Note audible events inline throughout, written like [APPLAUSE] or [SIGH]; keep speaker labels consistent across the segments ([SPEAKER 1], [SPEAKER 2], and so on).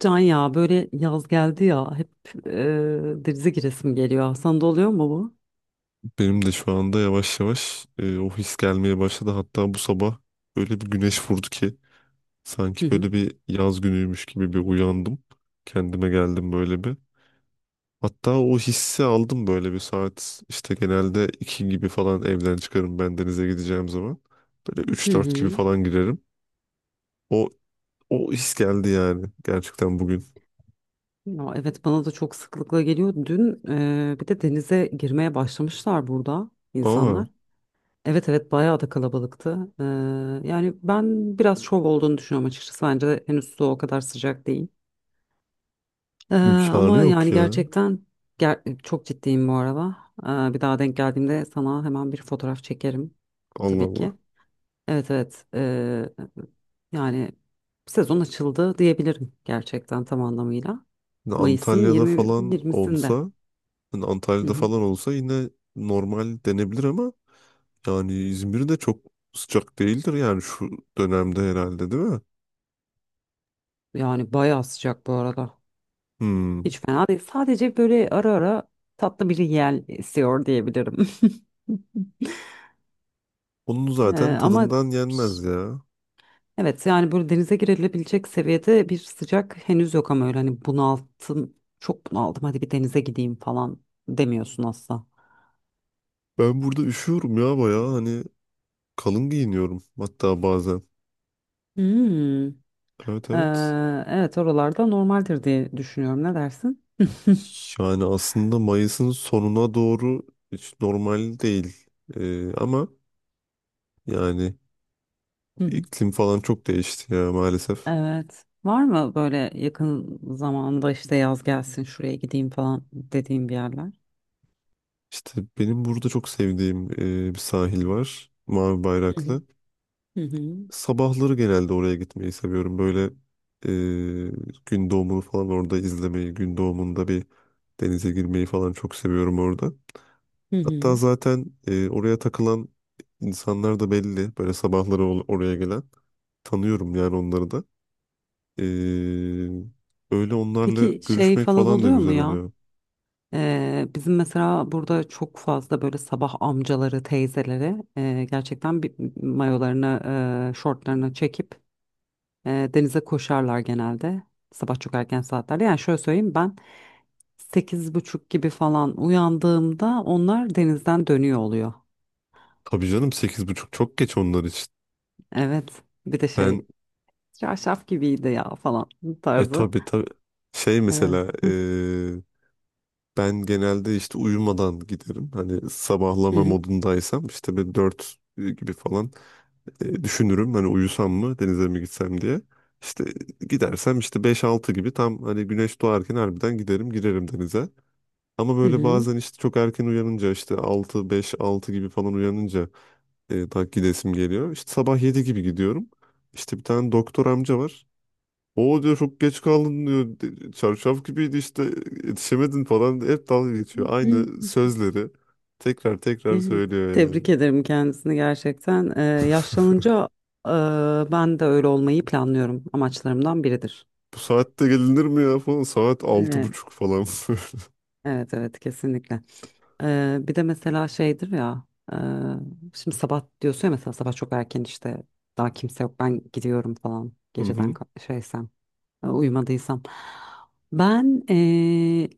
[SPEAKER 1] Can, ya böyle yaz geldi ya hep, e, denize giresim geliyor. Sana da oluyor mu bu?
[SPEAKER 2] Benim de şu anda yavaş yavaş o his gelmeye başladı. Hatta bu sabah öyle bir güneş vurdu ki
[SPEAKER 1] Hı
[SPEAKER 2] sanki
[SPEAKER 1] hı.
[SPEAKER 2] böyle bir yaz günüymüş gibi bir uyandım. Kendime geldim böyle bir. Hatta o hissi aldım böyle bir saat işte genelde 2 gibi falan evden çıkarım ben denize gideceğim zaman. Böyle
[SPEAKER 1] Hı
[SPEAKER 2] 3-4 gibi
[SPEAKER 1] hı.
[SPEAKER 2] falan girerim. O, o his geldi yani gerçekten bugün.
[SPEAKER 1] Ya, evet, bana da çok sıklıkla geliyor. Dün bir de denize girmeye başlamışlar burada
[SPEAKER 2] Aa,
[SPEAKER 1] insanlar. Evet, evet, bayağı da kalabalıktı. Yani ben biraz şov olduğunu düşünüyorum açıkçası. Bence henüz su o kadar sıcak değil.
[SPEAKER 2] imkanı
[SPEAKER 1] Ama yani
[SPEAKER 2] yok ya.
[SPEAKER 1] gerçekten çok ciddiyim bu arada. Bir daha denk geldiğimde sana hemen bir fotoğraf çekerim,
[SPEAKER 2] Allah
[SPEAKER 1] tabii ki.
[SPEAKER 2] Allah.
[SPEAKER 1] Evet, evet. Yani sezon açıldı diyebilirim gerçekten tam anlamıyla. Mayıs'ın
[SPEAKER 2] Antalya'da falan
[SPEAKER 1] 20'sinde.
[SPEAKER 2] olsa
[SPEAKER 1] Hı
[SPEAKER 2] Antalya'da
[SPEAKER 1] hı.
[SPEAKER 2] falan olsa yine normal denebilir ama yani İzmir de çok sıcak değildir yani şu dönemde herhalde, değil mi?
[SPEAKER 1] Yani bayağı sıcak bu arada.
[SPEAKER 2] Hmm.
[SPEAKER 1] Hiç fena değil. Sadece böyle ara ara tatlı bir yel esiyor diyebilirim. [LAUGHS]
[SPEAKER 2] Onun zaten
[SPEAKER 1] Ee, Ama
[SPEAKER 2] tadından yenmez ya.
[SPEAKER 1] evet, yani böyle denize girilebilecek seviyede bir sıcak henüz yok ama öyle hani bunalttım, çok bunaldım, hadi bir denize gideyim falan demiyorsun asla.
[SPEAKER 2] Ben burada üşüyorum ya, bayağı hani kalın giyiniyorum hatta bazen.
[SPEAKER 1] Hmm.
[SPEAKER 2] Evet,
[SPEAKER 1] Ee,
[SPEAKER 2] evet.
[SPEAKER 1] evet, oralarda normaldir diye düşünüyorum. Ne dersin? [LAUGHS]
[SPEAKER 2] Yani aslında Mayıs'ın sonuna doğru hiç normal değil. Ama yani
[SPEAKER 1] Hı hı.
[SPEAKER 2] iklim falan çok değişti ya, maalesef.
[SPEAKER 1] Evet. Var mı böyle yakın zamanda işte yaz gelsin şuraya gideyim falan dediğim bir yerler?
[SPEAKER 2] İşte benim burada çok sevdiğim bir sahil var. Mavi
[SPEAKER 1] Hı hı.
[SPEAKER 2] Bayraklı.
[SPEAKER 1] Hı hı.
[SPEAKER 2] Sabahları genelde oraya gitmeyi seviyorum. Böyle gün doğumunu falan orada izlemeyi, gün doğumunda bir denize girmeyi falan çok seviyorum orada.
[SPEAKER 1] Hı
[SPEAKER 2] Hatta
[SPEAKER 1] hı.
[SPEAKER 2] zaten oraya takılan insanlar da belli. Böyle sabahları oraya gelen. Tanıyorum yani onları da. E, öyle onlarla
[SPEAKER 1] Peki şey
[SPEAKER 2] görüşmek
[SPEAKER 1] falan
[SPEAKER 2] falan da
[SPEAKER 1] oluyor mu
[SPEAKER 2] güzel
[SPEAKER 1] ya?
[SPEAKER 2] oluyor.
[SPEAKER 1] Bizim mesela burada çok fazla böyle sabah amcaları, teyzeleri gerçekten bir mayolarını, şortlarını çekip denize koşarlar genelde. Sabah çok erken saatlerde. Yani şöyle söyleyeyim, ben sekiz buçuk gibi falan uyandığımda onlar denizden dönüyor oluyor.
[SPEAKER 2] Tabii canım, 8:30 çok geç onlar için.
[SPEAKER 1] Evet. Bir de şey,
[SPEAKER 2] Ben
[SPEAKER 1] çarşaf gibiydi ya falan
[SPEAKER 2] E
[SPEAKER 1] tarzı.
[SPEAKER 2] tabii, tabii. Şey
[SPEAKER 1] Evet.
[SPEAKER 2] mesela ben genelde işte uyumadan giderim. Hani
[SPEAKER 1] Hı
[SPEAKER 2] sabahlama
[SPEAKER 1] hı.
[SPEAKER 2] modundaysam işte bir 4 gibi falan düşünürüm. Hani uyusam mı denize mi gitsem diye. İşte gidersem işte 5-6 gibi tam hani güneş doğarken harbiden giderim, girerim denize. Ama
[SPEAKER 1] Hı
[SPEAKER 2] böyle
[SPEAKER 1] hı.
[SPEAKER 2] bazen işte çok erken uyanınca, işte 5-6 gibi falan uyanınca daha gidesim geliyor. İşte sabah 7 gibi gidiyorum. İşte bir tane doktor amca var. O diyor çok geç kaldın diyor. Çarşaf gibiydi, işte yetişemedin" falan. Hep dalga geçiyor. Aynı
[SPEAKER 1] [LAUGHS]
[SPEAKER 2] sözleri tekrar
[SPEAKER 1] Hı
[SPEAKER 2] tekrar
[SPEAKER 1] hı.
[SPEAKER 2] söylüyor yani.
[SPEAKER 1] Tebrik ederim kendisini gerçekten.
[SPEAKER 2] [LAUGHS]
[SPEAKER 1] Yaşlanınca e, ben de öyle olmayı planlıyorum. Amaçlarımdan biridir.
[SPEAKER 2] Bu saatte gelinir mi ya falan. Saat altı
[SPEAKER 1] Evet.
[SPEAKER 2] buçuk falan.
[SPEAKER 1] Evet, evet, kesinlikle. Bir de mesela şeydir ya, e, şimdi sabah diyorsun ya mesela sabah çok erken işte daha kimse yok ben gidiyorum falan
[SPEAKER 2] [LAUGHS] Hı
[SPEAKER 1] geceden
[SPEAKER 2] hı.
[SPEAKER 1] şeysem, uyumadıysam. Ben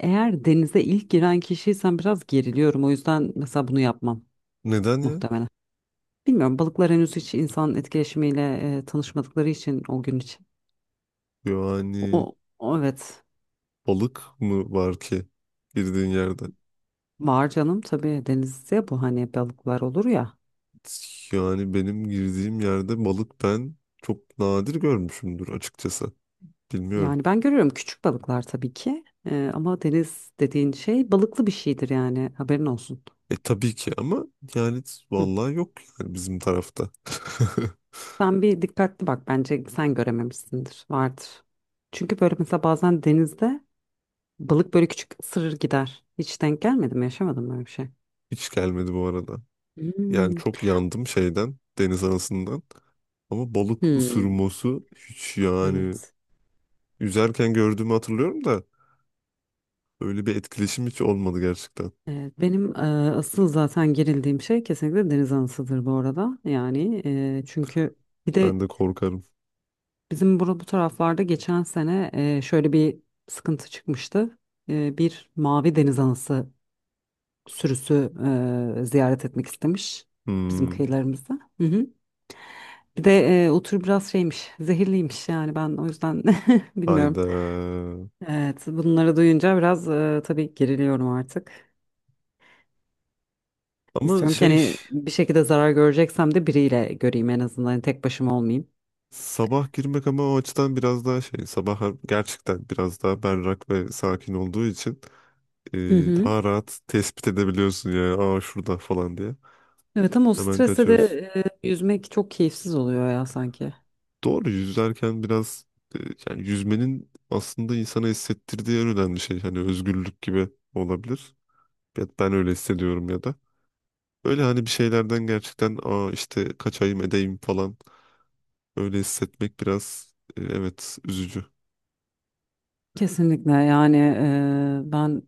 [SPEAKER 1] eğer denize ilk giren kişiysem biraz geriliyorum, o yüzden mesela bunu yapmam
[SPEAKER 2] Neden ya?
[SPEAKER 1] muhtemelen. Bilmiyorum, balıklar henüz hiç insan etkileşimiyle tanışmadıkları için o gün için.
[SPEAKER 2] Yani
[SPEAKER 1] O, o Evet,
[SPEAKER 2] balık mı var ki girdiğin yerde?
[SPEAKER 1] var canım, tabii denizde bu, hani balıklar olur ya.
[SPEAKER 2] Yani benim girdiğim yerde balık ben çok nadir görmüşümdür açıkçası. Bilmiyorum.
[SPEAKER 1] Yani ben görüyorum küçük balıklar tabii ki. Ama deniz dediğin şey balıklı bir şeydir yani, haberin olsun.
[SPEAKER 2] E tabii ki ama yani
[SPEAKER 1] Hı.
[SPEAKER 2] vallahi yok yani bizim tarafta. [LAUGHS]
[SPEAKER 1] Sen bir dikkatli bak, bence sen görememişsindir, vardır. Çünkü böyle mesela bazen denizde balık böyle küçük ısırır gider. Hiç denk gelmedi mi, yaşamadın mı öyle bir şey?
[SPEAKER 2] Hiç gelmedi bu arada. Yani
[SPEAKER 1] Hmm.
[SPEAKER 2] çok yandım şeyden, deniz anasından. Ama balık
[SPEAKER 1] Hmm.
[SPEAKER 2] ısırması hiç yani,
[SPEAKER 1] Evet.
[SPEAKER 2] yüzerken gördüğümü hatırlıyorum da öyle bir etkileşim hiç olmadı gerçekten.
[SPEAKER 1] Evet, benim asıl zaten gerildiğim şey kesinlikle deniz anasıdır bu arada. Yani çünkü bir de
[SPEAKER 2] Ben de korkarım.
[SPEAKER 1] bizim bu taraflarda geçen sene şöyle bir sıkıntı çıkmıştı. Bir mavi deniz anası sürüsü ziyaret etmek istemiş bizim
[SPEAKER 2] Hmm,
[SPEAKER 1] kıyılarımızda. Hı hı. Bir de o tür biraz şeymiş, zehirliymiş, yani ben o yüzden [LAUGHS] bilmiyorum.
[SPEAKER 2] hayda.
[SPEAKER 1] Evet, bunları duyunca biraz tabii geriliyorum artık.
[SPEAKER 2] Ama
[SPEAKER 1] İstiyorum ki
[SPEAKER 2] şey,
[SPEAKER 1] hani bir şekilde zarar göreceksem de biriyle göreyim, en azından hani tek başıma olmayayım.
[SPEAKER 2] sabah girmek ama o açıdan biraz daha şey, sabah gerçekten biraz daha berrak ve sakin olduğu için e,
[SPEAKER 1] Hı hı.
[SPEAKER 2] daha rahat tespit edebiliyorsun ya. Aa, şurada falan diye.
[SPEAKER 1] Evet, ama o
[SPEAKER 2] Hemen
[SPEAKER 1] streste de
[SPEAKER 2] kaçıyorsun.
[SPEAKER 1] yüzmek çok keyifsiz oluyor ya sanki.
[SPEAKER 2] Doğru, yüzerken biraz e, yani yüzmenin aslında insana hissettirdiği en önemli şey hani özgürlük gibi olabilir. Ya ben öyle hissediyorum ya da. Öyle hani bir şeylerden gerçekten, aa işte kaçayım edeyim falan, öyle hissetmek biraz evet, üzücü.
[SPEAKER 1] Kesinlikle yani. Ben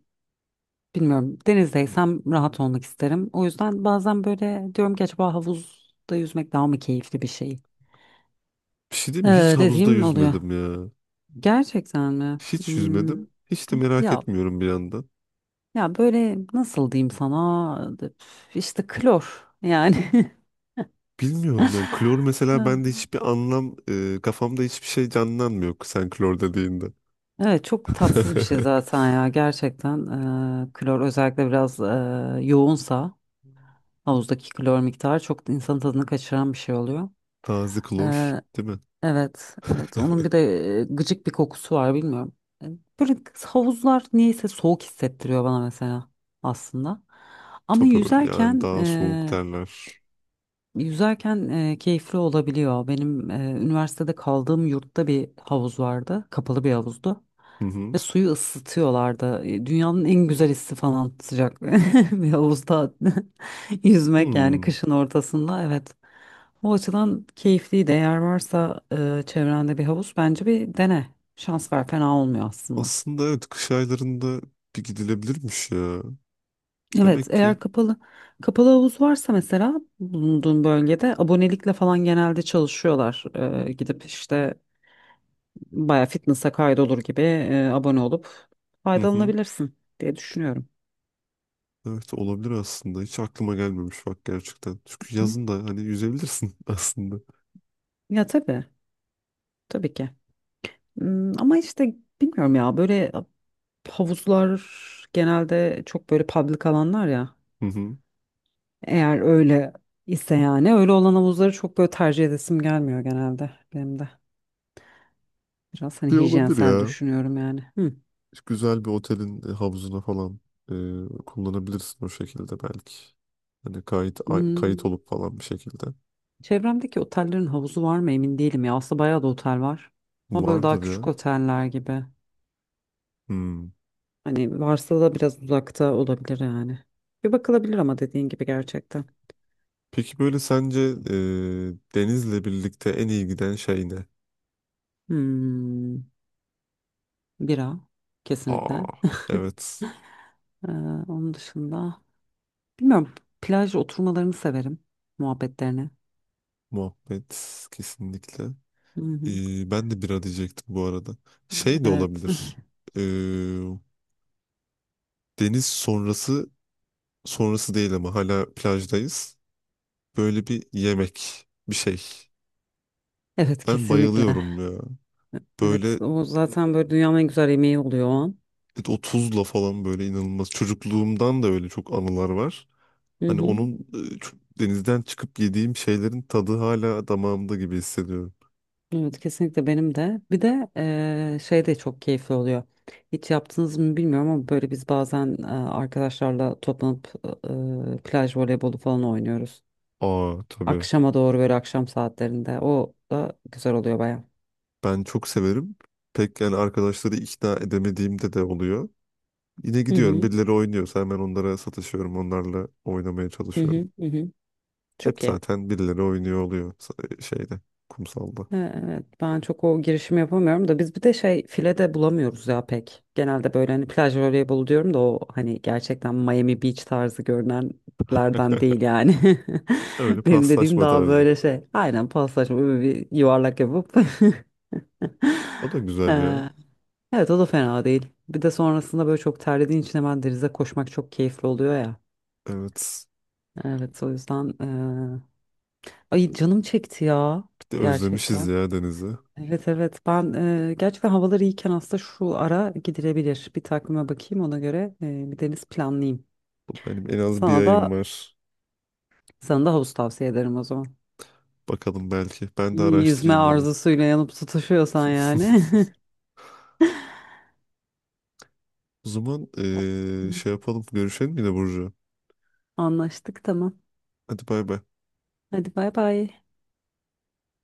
[SPEAKER 1] bilmiyorum, denizdeysem rahat olmak isterim. O yüzden bazen böyle diyorum ki, acaba havuzda yüzmek daha mı keyifli bir şey?
[SPEAKER 2] Bir şey diyeyim mi? Hiç havuzda
[SPEAKER 1] Dediğim oluyor.
[SPEAKER 2] yüzmedim ya.
[SPEAKER 1] Gerçekten mi?
[SPEAKER 2] Hiç
[SPEAKER 1] Hmm,
[SPEAKER 2] yüzmedim. Hiç de
[SPEAKER 1] bir-
[SPEAKER 2] merak
[SPEAKER 1] ya
[SPEAKER 2] etmiyorum bir yandan.
[SPEAKER 1] böyle nasıl diyeyim sana, üf, işte klor yani.
[SPEAKER 2] Bilmiyorum yani klor mesela bende
[SPEAKER 1] [LAUGHS]
[SPEAKER 2] hiçbir anlam kafamda hiçbir şey canlanmıyor sen klor dediğinde.
[SPEAKER 1] Evet, çok
[SPEAKER 2] [LAUGHS]
[SPEAKER 1] tatsız bir şey zaten ya gerçekten. Klor özellikle biraz yoğunsa havuzdaki klor miktarı çok insanın tadını kaçıran bir şey oluyor.
[SPEAKER 2] Taze klor,
[SPEAKER 1] Ee,
[SPEAKER 2] değil mi?
[SPEAKER 1] evet, evet. Onun bir
[SPEAKER 2] [LAUGHS]
[SPEAKER 1] de gıcık bir kokusu var, bilmiyorum. E, Böyle havuzlar niyeyse soğuk hissettiriyor bana mesela, aslında. Ama
[SPEAKER 2] Tabii yani daha soğuk derler.
[SPEAKER 1] yüzerken keyifli olabiliyor. Benim üniversitede kaldığım yurtta bir havuz vardı. Kapalı bir havuzdu.
[SPEAKER 2] Hı hı.
[SPEAKER 1] Ve suyu ısıtıyorlardı. Dünyanın en güzel hissi falan, sıcak [LAUGHS] bir havuzda [LAUGHS] yüzmek, yani
[SPEAKER 2] Hmm.
[SPEAKER 1] kışın ortasında. Evet. O açıdan keyifliydi. Eğer varsa çevrende bir havuz, bence bir dene. Şans ver, fena olmuyor aslında.
[SPEAKER 2] Aslında evet, kış aylarında bir gidilebilirmiş ya.
[SPEAKER 1] Evet,
[SPEAKER 2] Demek ki.
[SPEAKER 1] eğer kapalı havuz varsa mesela bulunduğun bölgede abonelikle falan genelde çalışıyorlar. Gidip işte baya fitness'a kaydolur gibi abone olup
[SPEAKER 2] Hı hı.
[SPEAKER 1] faydalanabilirsin diye düşünüyorum.
[SPEAKER 2] Evet, olabilir aslında. Hiç aklıma gelmemiş bak gerçekten. Çünkü
[SPEAKER 1] Hı?
[SPEAKER 2] yazın da hani yüzebilirsin [LAUGHS] aslında.
[SPEAKER 1] Ya, tabii, tabii ki. Hmm, ama işte bilmiyorum ya, böyle havuzlar genelde çok böyle public alanlar ya.
[SPEAKER 2] Hı hı.
[SPEAKER 1] Eğer öyle ise yani, öyle olan havuzları çok böyle tercih edesim gelmiyor genelde benim de. Biraz hani
[SPEAKER 2] Bir olabilir
[SPEAKER 1] hijyensel
[SPEAKER 2] ya.
[SPEAKER 1] düşünüyorum yani. Hı.
[SPEAKER 2] Güzel bir otelin havuzuna falan kullanabilirsin o şekilde belki. Hani kayıt
[SPEAKER 1] Hmm.
[SPEAKER 2] olup falan bir şekilde.
[SPEAKER 1] Çevremdeki otellerin havuzu var mı emin değilim ya. Aslında bayağı da otel var. Ama böyle daha
[SPEAKER 2] Vardır
[SPEAKER 1] küçük
[SPEAKER 2] ya.
[SPEAKER 1] oteller gibi.
[SPEAKER 2] Hmm.
[SPEAKER 1] Hani varsa da biraz uzakta olabilir yani. Bir bakılabilir ama dediğin gibi gerçekten.
[SPEAKER 2] Peki böyle sence Deniz'le birlikte en iyi giden şey ne?
[SPEAKER 1] Hmm. Bira
[SPEAKER 2] Aa,
[SPEAKER 1] kesinlikle.
[SPEAKER 2] evet.
[SPEAKER 1] Ee, Onun dışında bilmiyorum, plaj oturmalarını severim, muhabbetlerini.
[SPEAKER 2] Muhabbet kesinlikle.
[SPEAKER 1] Hı hı.
[SPEAKER 2] E, ben de bira diyecektim bu arada. Şey de
[SPEAKER 1] Evet.
[SPEAKER 2] olabilir.
[SPEAKER 1] [LAUGHS]
[SPEAKER 2] E, Deniz sonrası değil ama hala plajdayız. Böyle bir yemek, bir şey.
[SPEAKER 1] Evet,
[SPEAKER 2] Ben
[SPEAKER 1] kesinlikle.
[SPEAKER 2] bayılıyorum ya.
[SPEAKER 1] Evet,
[SPEAKER 2] Böyle
[SPEAKER 1] o zaten böyle dünyanın en güzel yemeği oluyor o an.
[SPEAKER 2] o tuzla falan böyle inanılmaz. Çocukluğumdan da öyle çok anılar var.
[SPEAKER 1] Hı
[SPEAKER 2] Hani
[SPEAKER 1] hı.
[SPEAKER 2] onun denizden çıkıp yediğim şeylerin tadı hala damağımda gibi hissediyorum.
[SPEAKER 1] Evet, kesinlikle benim de. Bir de şey de çok keyifli oluyor. Hiç yaptınız mı bilmiyorum ama böyle biz bazen arkadaşlarla toplanıp plaj voleybolu falan oynuyoruz.
[SPEAKER 2] Aa, tabii.
[SPEAKER 1] Akşama doğru, böyle akşam saatlerinde. O da güzel oluyor baya.
[SPEAKER 2] Ben çok severim. Pek yani, arkadaşları ikna edemediğimde de oluyor. Yine
[SPEAKER 1] Hı
[SPEAKER 2] gidiyorum,
[SPEAKER 1] hı.
[SPEAKER 2] birileri oynuyorsa hemen onlara sataşıyorum. Onlarla oynamaya
[SPEAKER 1] Hı
[SPEAKER 2] çalışıyorum.
[SPEAKER 1] hı. Hı hı. Çok
[SPEAKER 2] Hep
[SPEAKER 1] iyi.
[SPEAKER 2] zaten birileri oynuyor oluyor şeyde, kumsalda.
[SPEAKER 1] Evet, ben çok o girişimi yapamıyorum da, biz bir de şey, file de bulamıyoruz ya pek. Genelde böyle hani plaj voleybolu diyorum da o hani gerçekten Miami Beach tarzı görünenlerden değil
[SPEAKER 2] [LAUGHS]
[SPEAKER 1] yani. [LAUGHS]
[SPEAKER 2] Öyle
[SPEAKER 1] Benim dediğim
[SPEAKER 2] paslaşma
[SPEAKER 1] daha
[SPEAKER 2] tarzı.
[SPEAKER 1] böyle şey. Aynen, paslaşma, böyle bir yuvarlak yapıp. [LAUGHS]
[SPEAKER 2] O da güzel ya.
[SPEAKER 1] Ee, evet, o da fena değil. Bir de sonrasında böyle çok terlediğin için hemen denize koşmak çok keyifli oluyor ya.
[SPEAKER 2] Evet.
[SPEAKER 1] Evet, o yüzden. Ay, canım çekti ya
[SPEAKER 2] Bir de özlemişiz
[SPEAKER 1] gerçekten.
[SPEAKER 2] ya denizi.
[SPEAKER 1] Evet, evet, ben gerçekten havalar iyiyken aslında şu ara gidilebilir. Bir takvime bakayım, ona göre bir deniz planlayayım.
[SPEAKER 2] Benim en az bir
[SPEAKER 1] Sana
[SPEAKER 2] ayım
[SPEAKER 1] da
[SPEAKER 2] var.
[SPEAKER 1] sana da havuz tavsiye ederim o zaman.
[SPEAKER 2] Bakalım belki. Ben de
[SPEAKER 1] İyi. Yüzme
[SPEAKER 2] araştırayım onu.
[SPEAKER 1] arzusuyla yanıp tutuşuyorsan yani.
[SPEAKER 2] [LAUGHS] O zaman şey
[SPEAKER 1] [LAUGHS]
[SPEAKER 2] yapalım. Görüşelim yine, Burcu.
[SPEAKER 1] Anlaştık, tamam.
[SPEAKER 2] Hadi, bay bay.
[SPEAKER 1] Hadi bay bay.